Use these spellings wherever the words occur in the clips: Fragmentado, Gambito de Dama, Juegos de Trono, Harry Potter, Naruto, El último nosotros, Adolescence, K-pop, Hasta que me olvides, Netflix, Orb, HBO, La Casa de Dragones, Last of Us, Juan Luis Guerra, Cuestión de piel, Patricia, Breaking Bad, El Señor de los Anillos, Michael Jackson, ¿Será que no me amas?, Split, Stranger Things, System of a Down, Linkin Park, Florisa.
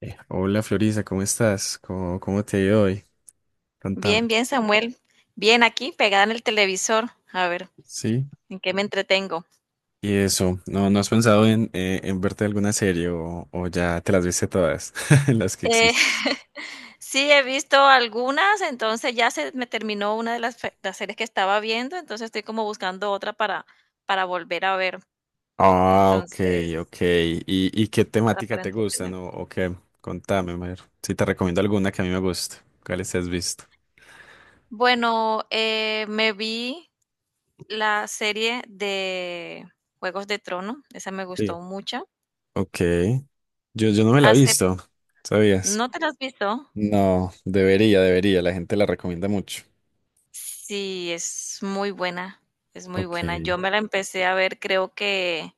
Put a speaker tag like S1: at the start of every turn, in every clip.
S1: Hola Florisa, ¿cómo estás? ¿Cómo te ha ido hoy? Contame.
S2: Bien, bien, Samuel. Bien, aquí pegada en el televisor. A ver,
S1: Sí.
S2: ¿en qué me entretengo?
S1: Y eso, ¿no has pensado en verte alguna serie o ya te las viste todas, las que
S2: Eh,
S1: existen?
S2: sí, he visto algunas, entonces ya se me terminó una de las, las series que estaba viendo, entonces estoy como buscando otra para volver a ver.
S1: Ah, ok,
S2: Entonces,
S1: ok. ¿Y qué
S2: otra
S1: temática
S2: para
S1: te gustan
S2: entretener.
S1: o qué? Contame, a ver. Si te recomiendo alguna que a mí me guste. ¿Cuáles te has visto?
S2: Bueno, me vi la serie de Juegos de Trono, esa me
S1: Sí.
S2: gustó mucho.
S1: Ok. Yo no me la he
S2: Hace,
S1: visto, ¿sabías?
S2: ¿No te la has visto?
S1: No, debería, debería. La gente la recomienda mucho.
S2: Sí, es muy buena, es muy
S1: Ok,
S2: buena. Yo me la empecé a ver, creo que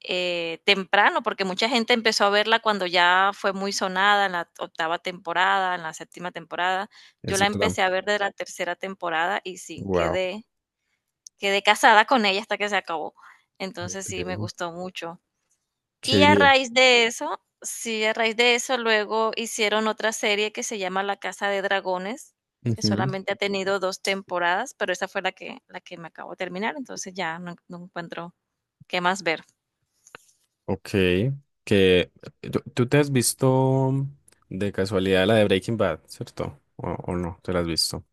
S2: temprano, porque mucha gente empezó a verla cuando ya fue muy sonada en la octava temporada, en la séptima temporada. Yo
S1: es
S2: la
S1: verdad.
S2: empecé a ver de la tercera temporada y sí,
S1: Wow.
S2: quedé casada con ella hasta que se acabó. Entonces sí, me gustó mucho.
S1: Qué
S2: Y a
S1: bien.
S2: raíz de eso sí, a raíz de eso luego hicieron otra serie que se llama La Casa de Dragones, que
S1: Ujú.
S2: solamente ha tenido 2 temporadas, pero esa fue la que me acabo de terminar, entonces ya no encuentro qué más ver.
S1: Ok, que tú te has visto de casualidad la de Breaking Bad, ¿cierto? O no, te la has visto.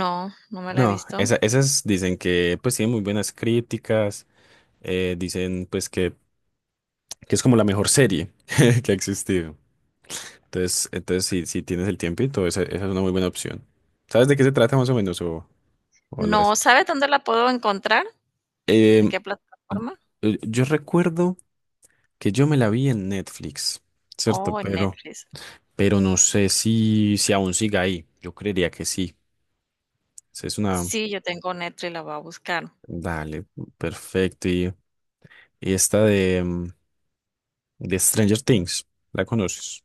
S2: No, no me la he
S1: No,
S2: visto.
S1: esas dicen que pues tienen muy buenas críticas, dicen pues que es como la mejor serie que ha existido. Entonces si tienes el tiempito, esa es una muy buena opción. ¿Sabes de qué se trata más o menos o lo es?
S2: No, ¿sabes dónde la puedo encontrar? ¿En
S1: Em,
S2: qué plataforma?
S1: yo recuerdo que yo me la vi en Netflix, ¿cierto?
S2: Oh, en
S1: Pero...
S2: Netflix.
S1: pero no sé si aún siga ahí. Yo creería que sí. Esa es una...
S2: Sí, yo tengo Netflix, la voy a buscar.
S1: Dale, perfecto. Y esta de Stranger Things, ¿la conoces?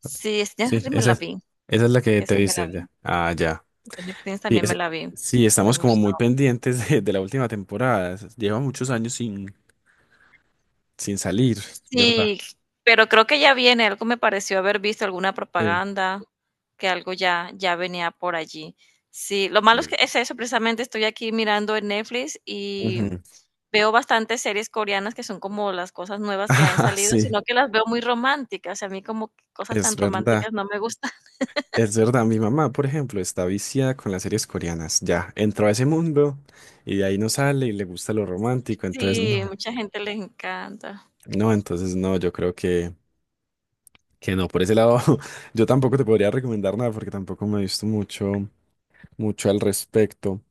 S2: Sí, es ya
S1: Sí,
S2: me
S1: esa,
S2: la
S1: esa
S2: vi,
S1: es la que te
S2: esa me la
S1: viste
S2: vi.
S1: ya. Ah, ya.
S2: Stranger Things
S1: Sí,
S2: también me la vi,
S1: sí,
S2: me
S1: estamos como
S2: gustó.
S1: muy pendientes de la última temporada. Lleva muchos años sin salir, ¿verdad?
S2: Sí, pero creo que ya viene, algo me pareció haber visto alguna
S1: Sí.
S2: propaganda, que algo ya venía por allí. Sí, lo malo es
S1: Sí.
S2: que es eso, precisamente estoy aquí mirando en Netflix y
S1: Ujú.
S2: veo bastantes series coreanas que son como las cosas nuevas que han
S1: Ah,
S2: salido,
S1: sí,
S2: sino que las veo muy románticas, y a mí como que cosas
S1: es
S2: tan
S1: verdad.
S2: románticas no me gustan.
S1: Es verdad, mi mamá, por ejemplo, está viciada con las series coreanas. Ya, entró a ese mundo y de ahí no sale y le gusta lo romántico, entonces
S2: Sí,
S1: no.
S2: mucha gente le encanta.
S1: No, entonces no, yo creo que no. Por ese lado, yo tampoco te podría recomendar nada porque tampoco me he visto mucho, mucho al respecto.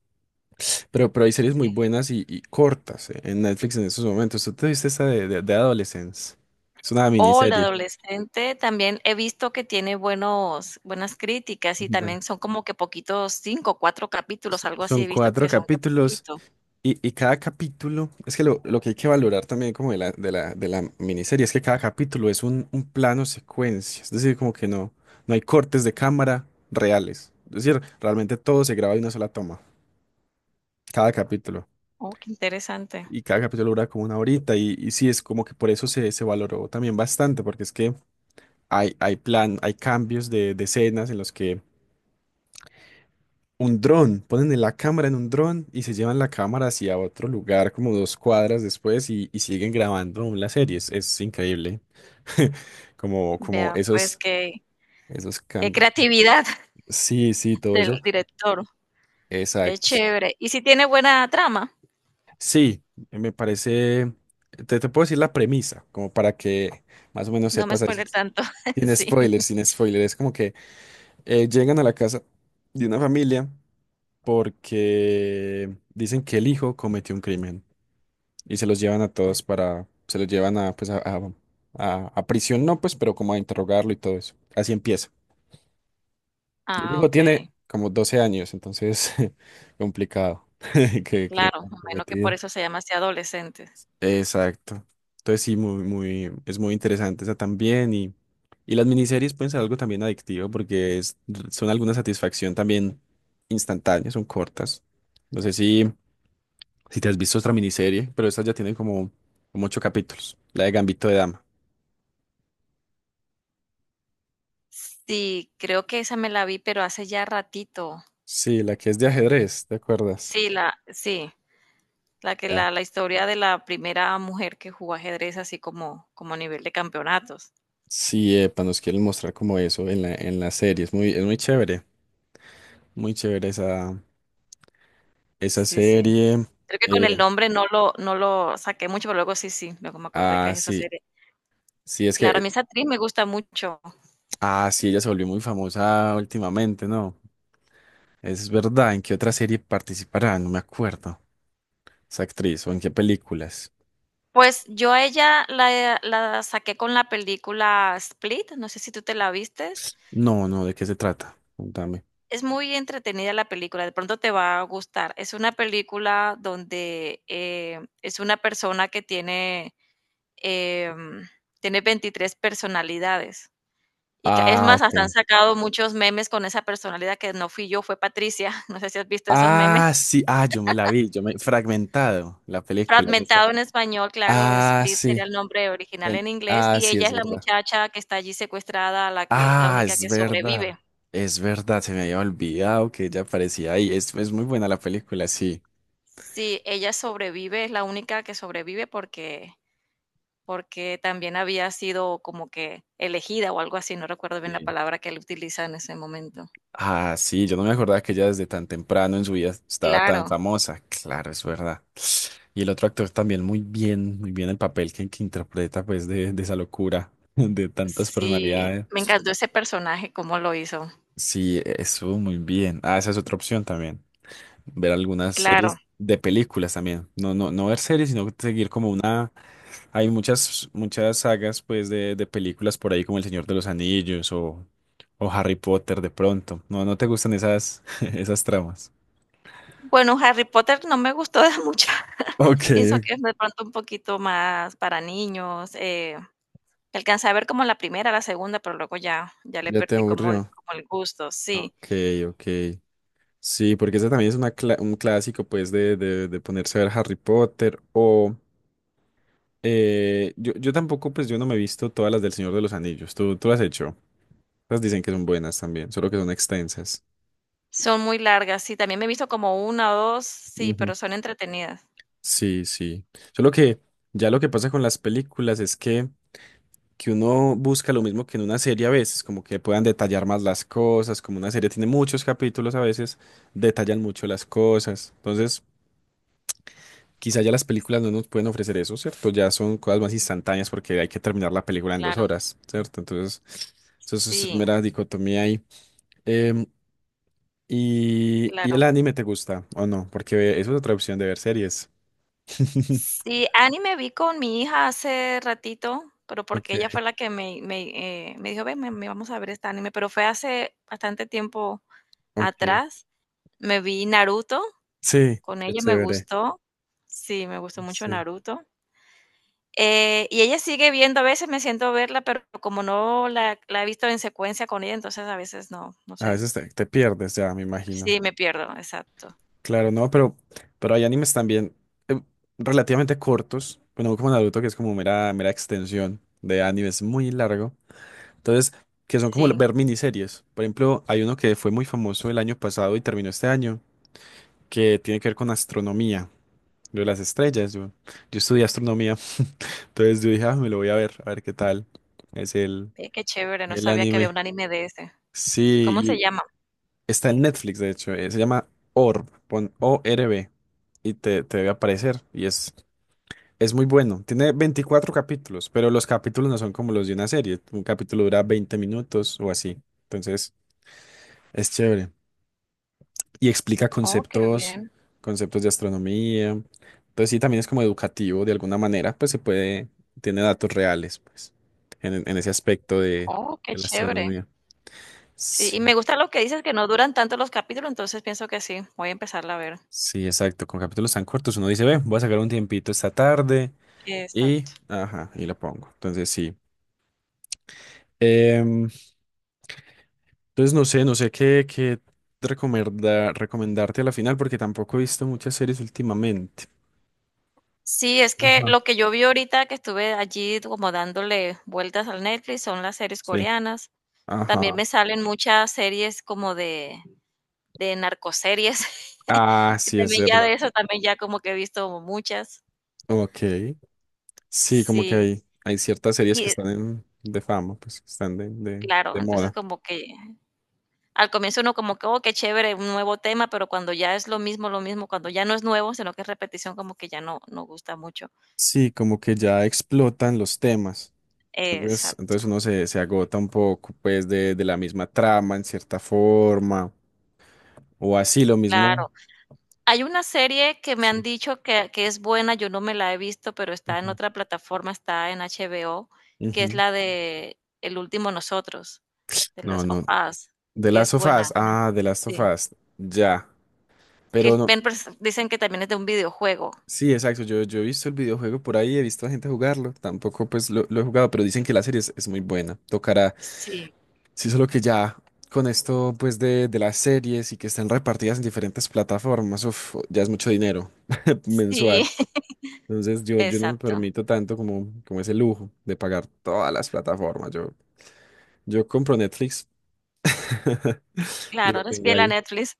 S1: Pero hay series muy
S2: Sí.
S1: buenas y cortas, en Netflix en estos momentos. ¿Tú te viste esa de Adolescence? Es una
S2: O la
S1: miniserie.
S2: adolescente también he visto que tiene buenos buenas críticas y
S1: Bueno,
S2: también son como que poquitos, 5 4 capítulos,
S1: s-
S2: algo así
S1: son
S2: he visto
S1: cuatro
S2: que son que
S1: capítulos.
S2: poquito.
S1: Y cada capítulo, es que lo que hay que valorar también como de la, de la miniserie es que cada capítulo es un plano secuencia, es decir, como que no hay cortes de cámara reales, es decir, realmente todo se graba de una sola toma, cada capítulo,
S2: Oh, qué interesante.
S1: y cada capítulo dura como una horita, y sí, es como que por eso se valoró también bastante, porque es que hay cambios de escenas en los que un dron, ponen la cámara en un dron y se llevan la cámara hacia otro lugar como 2 cuadras después y siguen grabando aún la serie. Es increíble. Como
S2: Vea, pues
S1: esos, esos
S2: qué
S1: cambios.
S2: creatividad
S1: Sí, sí, todo
S2: del
S1: eso.
S2: director, qué
S1: Exacto. Sí,
S2: chévere. ¿Y si tiene buena trama?
S1: sí, me parece. Te puedo decir la premisa, como para que más o menos
S2: No me
S1: sepas. Ahí sí.
S2: spoiler tanto,
S1: Sin
S2: sí.
S1: spoiler, sin spoiler. Es como que llegan a la casa de una familia porque dicen que el hijo cometió un crimen. Y se los llevan a, pues, a prisión, no, pues, pero como a interrogarlo y todo eso. Así empieza. Y el
S2: Ah,
S1: hijo tiene
S2: okey,
S1: como 12 años, entonces, complicado. ¿Que crimen
S2: claro, me
S1: han
S2: imagino que por
S1: cometido?
S2: eso se llama así adolescente.
S1: Exacto. Entonces sí, muy, muy, es muy interesante esa también y las miniseries pueden ser algo también adictivo porque son alguna satisfacción también instantánea, son cortas. No sé si te has visto otra miniserie, pero estas ya tienen como 8 capítulos. La de Gambito de Dama.
S2: Sí, creo que esa me la vi, pero hace ya ratito.
S1: Sí, la que es de ajedrez, ¿te acuerdas?
S2: Sí, la, sí, la que
S1: Ya.
S2: la historia de la primera mujer que jugó ajedrez así como, como a nivel de campeonatos.
S1: Sí, epa, nos quieren mostrar como eso en la, serie. Es muy chévere, muy chévere esa
S2: Sí, sí.
S1: serie.
S2: Creo que con el
S1: Eh,
S2: nombre no lo saqué mucho, pero luego sí, sí, luego me acordé que
S1: ah,
S2: es esa
S1: sí,
S2: serie.
S1: sí, es
S2: Claro, a
S1: que,
S2: mí esa actriz me gusta mucho.
S1: ah, sí, ella se volvió muy famosa últimamente, ¿no? Es verdad, ¿en qué otra serie participará? No me acuerdo. Esa actriz, o en qué películas.
S2: Pues yo a ella la saqué con la película Split, no sé si tú te la vistes.
S1: No, no, ¿de qué se trata? Contame.
S2: Es muy entretenida la película, de pronto te va a gustar. Es una película donde es una persona que tiene Em, tiene 23 personalidades. Y ca es
S1: Ah,
S2: más, hasta han
S1: ok.
S2: sacado muchos memes con esa personalidad que no fui yo, fue Patricia. No sé si has visto esos
S1: Ah,
S2: memes.
S1: sí, ah, yo me la vi, yo me fragmentado la película.
S2: Fragmentado en español, claro,
S1: Ah,
S2: Split
S1: sí.
S2: sería el nombre original en inglés,
S1: Ah,
S2: y
S1: sí,
S2: ella
S1: es
S2: es la
S1: verdad.
S2: muchacha que está allí secuestrada, la que la
S1: Ah,
S2: única
S1: es
S2: que
S1: verdad.
S2: sobrevive.
S1: Es verdad, se me había olvidado que ella aparecía ahí. Es muy buena la película, sí.
S2: Sí, ella sobrevive, es la única que sobrevive porque también había sido como que elegida o algo así, no recuerdo bien la
S1: Sí.
S2: palabra que él utiliza en ese momento.
S1: Ah, sí, yo no me acordaba que ella desde tan temprano en su vida estaba tan
S2: Claro.
S1: famosa. Claro, es verdad. Y el otro actor también muy bien el papel que interpreta pues de esa locura, de tantas
S2: Sí,
S1: personalidades.
S2: me encantó ese personaje, cómo lo hizo.
S1: Sí, estuvo muy bien. Ah, esa es otra opción también. Ver algunas
S2: Claro.
S1: series de películas también. No, no, no ver series, sino seguir como una. Hay muchas, muchas sagas pues de películas por ahí como El Señor de los Anillos o Harry Potter de pronto. No, no te gustan esas, esas tramas.
S2: Bueno, Harry Potter no me gustó de mucho.
S1: Ok.
S2: Pienso que es de pronto un poquito más para niños. Alcancé a ver como la primera, la segunda, pero luego ya, ya le
S1: Ya te
S2: perdí
S1: aburrió.
S2: como el gusto. Sí,
S1: Ok, ok. Sí, porque ese también es un clásico pues de ponerse a ver Harry Potter o yo tampoco pues yo no me he visto todas las del Señor de los Anillos. ¿Tú las has hecho? Las dicen que son buenas también, solo que son extensas.
S2: son muy largas. Sí, también me he visto como una o dos, sí,
S1: Ujú.
S2: pero son entretenidas.
S1: Sí, sí. Solo que ya lo que pasa con las películas es que uno busca lo mismo que en una serie a veces, como que puedan detallar más las cosas, como una serie tiene muchos capítulos a veces, detallan mucho las cosas. Entonces, quizá ya las películas no nos pueden ofrecer eso, ¿cierto? Ya son cosas más instantáneas porque hay que terminar la película en dos
S2: Claro,
S1: horas, ¿cierto? Entonces, eso es
S2: sí,
S1: mera dicotomía ahí. Em, ¿Y
S2: claro.
S1: el anime te gusta o no? Porque eso es otra opción de ver series.
S2: Sí, anime vi con mi hija hace ratito, pero
S1: Ok,
S2: porque ella fue la que me dijo, ven, me vamos a ver este anime, pero fue hace bastante tiempo
S1: ok.
S2: atrás. Me vi Naruto,
S1: Sí,
S2: con
S1: qué
S2: ella me
S1: chévere.
S2: gustó, sí, me gustó mucho
S1: Sí.
S2: Naruto. Y ella sigue viendo, a veces me siento a verla, pero como no la he visto en secuencia con ella, entonces a veces no, no
S1: A
S2: sé.
S1: veces te pierdes ya, me imagino.
S2: Sí, me pierdo, exacto.
S1: Claro, no, pero hay animes también eh, relativamente cortos. Bueno, como Naruto, que es como mera, mera extensión de animes muy largo. Entonces, que son como
S2: Sí,
S1: ver miniseries. Por ejemplo, hay uno que fue muy famoso el año pasado y terminó este año, que tiene que ver con astronomía, lo de las estrellas. Yo estudié astronomía. Entonces yo dije, ah, me lo voy a ver qué tal. Es el,
S2: Qué chévere, no
S1: el
S2: sabía que había
S1: anime.
S2: un anime de ese.
S1: Sí,
S2: ¿Cómo se
S1: y
S2: llama?
S1: está en Netflix, de hecho. Se llama Orb, pon ORB, y te debe aparecer. Y es muy bueno. Tiene 24 capítulos, pero los capítulos no son como los de una serie. Un capítulo dura 20 minutos o así. Entonces, es chévere y explica
S2: Oh, qué
S1: conceptos,
S2: bien.
S1: conceptos de astronomía. Entonces sí, también es como educativo de alguna manera, pues se puede, tiene datos reales, pues, en ese aspecto de,
S2: Oh, qué
S1: de la
S2: chévere.
S1: astronomía.
S2: Sí,
S1: Sí,
S2: y me gusta lo que dices, que no duran tanto los capítulos, entonces pienso que sí, voy a empezarla a ver.
S1: sí, exacto. Con capítulos tan cortos uno dice, ve, voy a sacar un tiempito esta tarde y,
S2: Exacto.
S1: ajá, y lo pongo. Entonces sí. Em, entonces no sé qué recomendarte a la final porque tampoco he visto muchas series últimamente.
S2: Sí, es que
S1: Ajá.
S2: lo que yo vi ahorita que estuve allí como dándole vueltas al Netflix son las series
S1: Sí,
S2: coreanas.
S1: ajá.
S2: También me salen muchas series como de narcoseries.
S1: Ah,
S2: Y
S1: sí, es
S2: también ya de
S1: verdad.
S2: eso, también ya como que he visto muchas.
S1: Ok, sí, como que
S2: Sí.
S1: hay ciertas series que
S2: Y
S1: están de fama, pues que están de, de,
S2: claro,
S1: de
S2: entonces
S1: moda.
S2: como que al comienzo uno como que: "Oh, qué chévere, un nuevo tema", pero cuando ya es lo mismo, cuando ya no es nuevo, sino que es repetición, como que ya no gusta mucho.
S1: Sí, como que ya explotan los temas. Entonces,
S2: Exacto,
S1: entonces uno se agota un poco, pues, de la misma trama en cierta forma, o así lo mismo.
S2: claro. Hay una serie que me han
S1: Sí.
S2: dicho que es buena, yo no me la he visto, pero está en
S1: Ujú,
S2: otra plataforma, está en HBO, que es
S1: ujú.
S2: la de El último nosotros, de
S1: No,
S2: las of
S1: no.
S2: Us,
S1: De
S2: que
S1: Last
S2: es
S1: of Us.
S2: buena, me han
S1: Ah,
S2: di
S1: de Last of
S2: sí,
S1: Us. Ya.
S2: que
S1: Pero no.
S2: ven pers dicen que también es de un videojuego.
S1: Sí, exacto. Yo he visto el videojuego por ahí, he visto a gente jugarlo. Tampoco, pues, lo he jugado, pero dicen que la serie es muy buena. Tocará.
S2: Sí,
S1: Sí, solo que ya con esto pues de las series y que están repartidas en diferentes plataformas, uf, ya es mucho dinero
S2: sí,
S1: mensual. Entonces yo no me
S2: exacto.
S1: permito tanto como ese lujo de pagar todas las plataformas. Yo compro Netflix y
S2: Claro,
S1: lo
S2: eres
S1: tengo
S2: fiel a
S1: ahí.
S2: Netflix,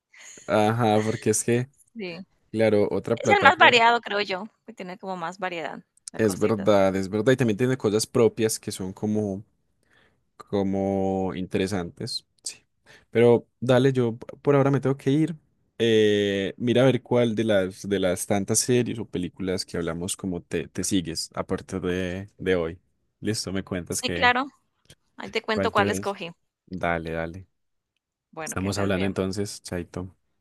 S1: Ajá, porque es que,
S2: sí.
S1: claro, otra
S2: Es el más
S1: plataforma.
S2: variado, creo yo, que tiene como más variedad de
S1: Es
S2: cositas.
S1: verdad, es verdad. Y también tiene cosas propias que son como interesantes, sí. Pero dale, yo por ahora me tengo que ir. Mira a ver cuál de las tantas series o películas que hablamos como te sigues a partir de hoy. Listo, me cuentas
S2: Sí,
S1: que
S2: claro, ahí te cuento
S1: cuál te
S2: cuál
S1: ves.
S2: escogí.
S1: Dale, dale.
S2: Bueno, que
S1: Estamos
S2: estés
S1: hablando
S2: bien.
S1: entonces, Chaito.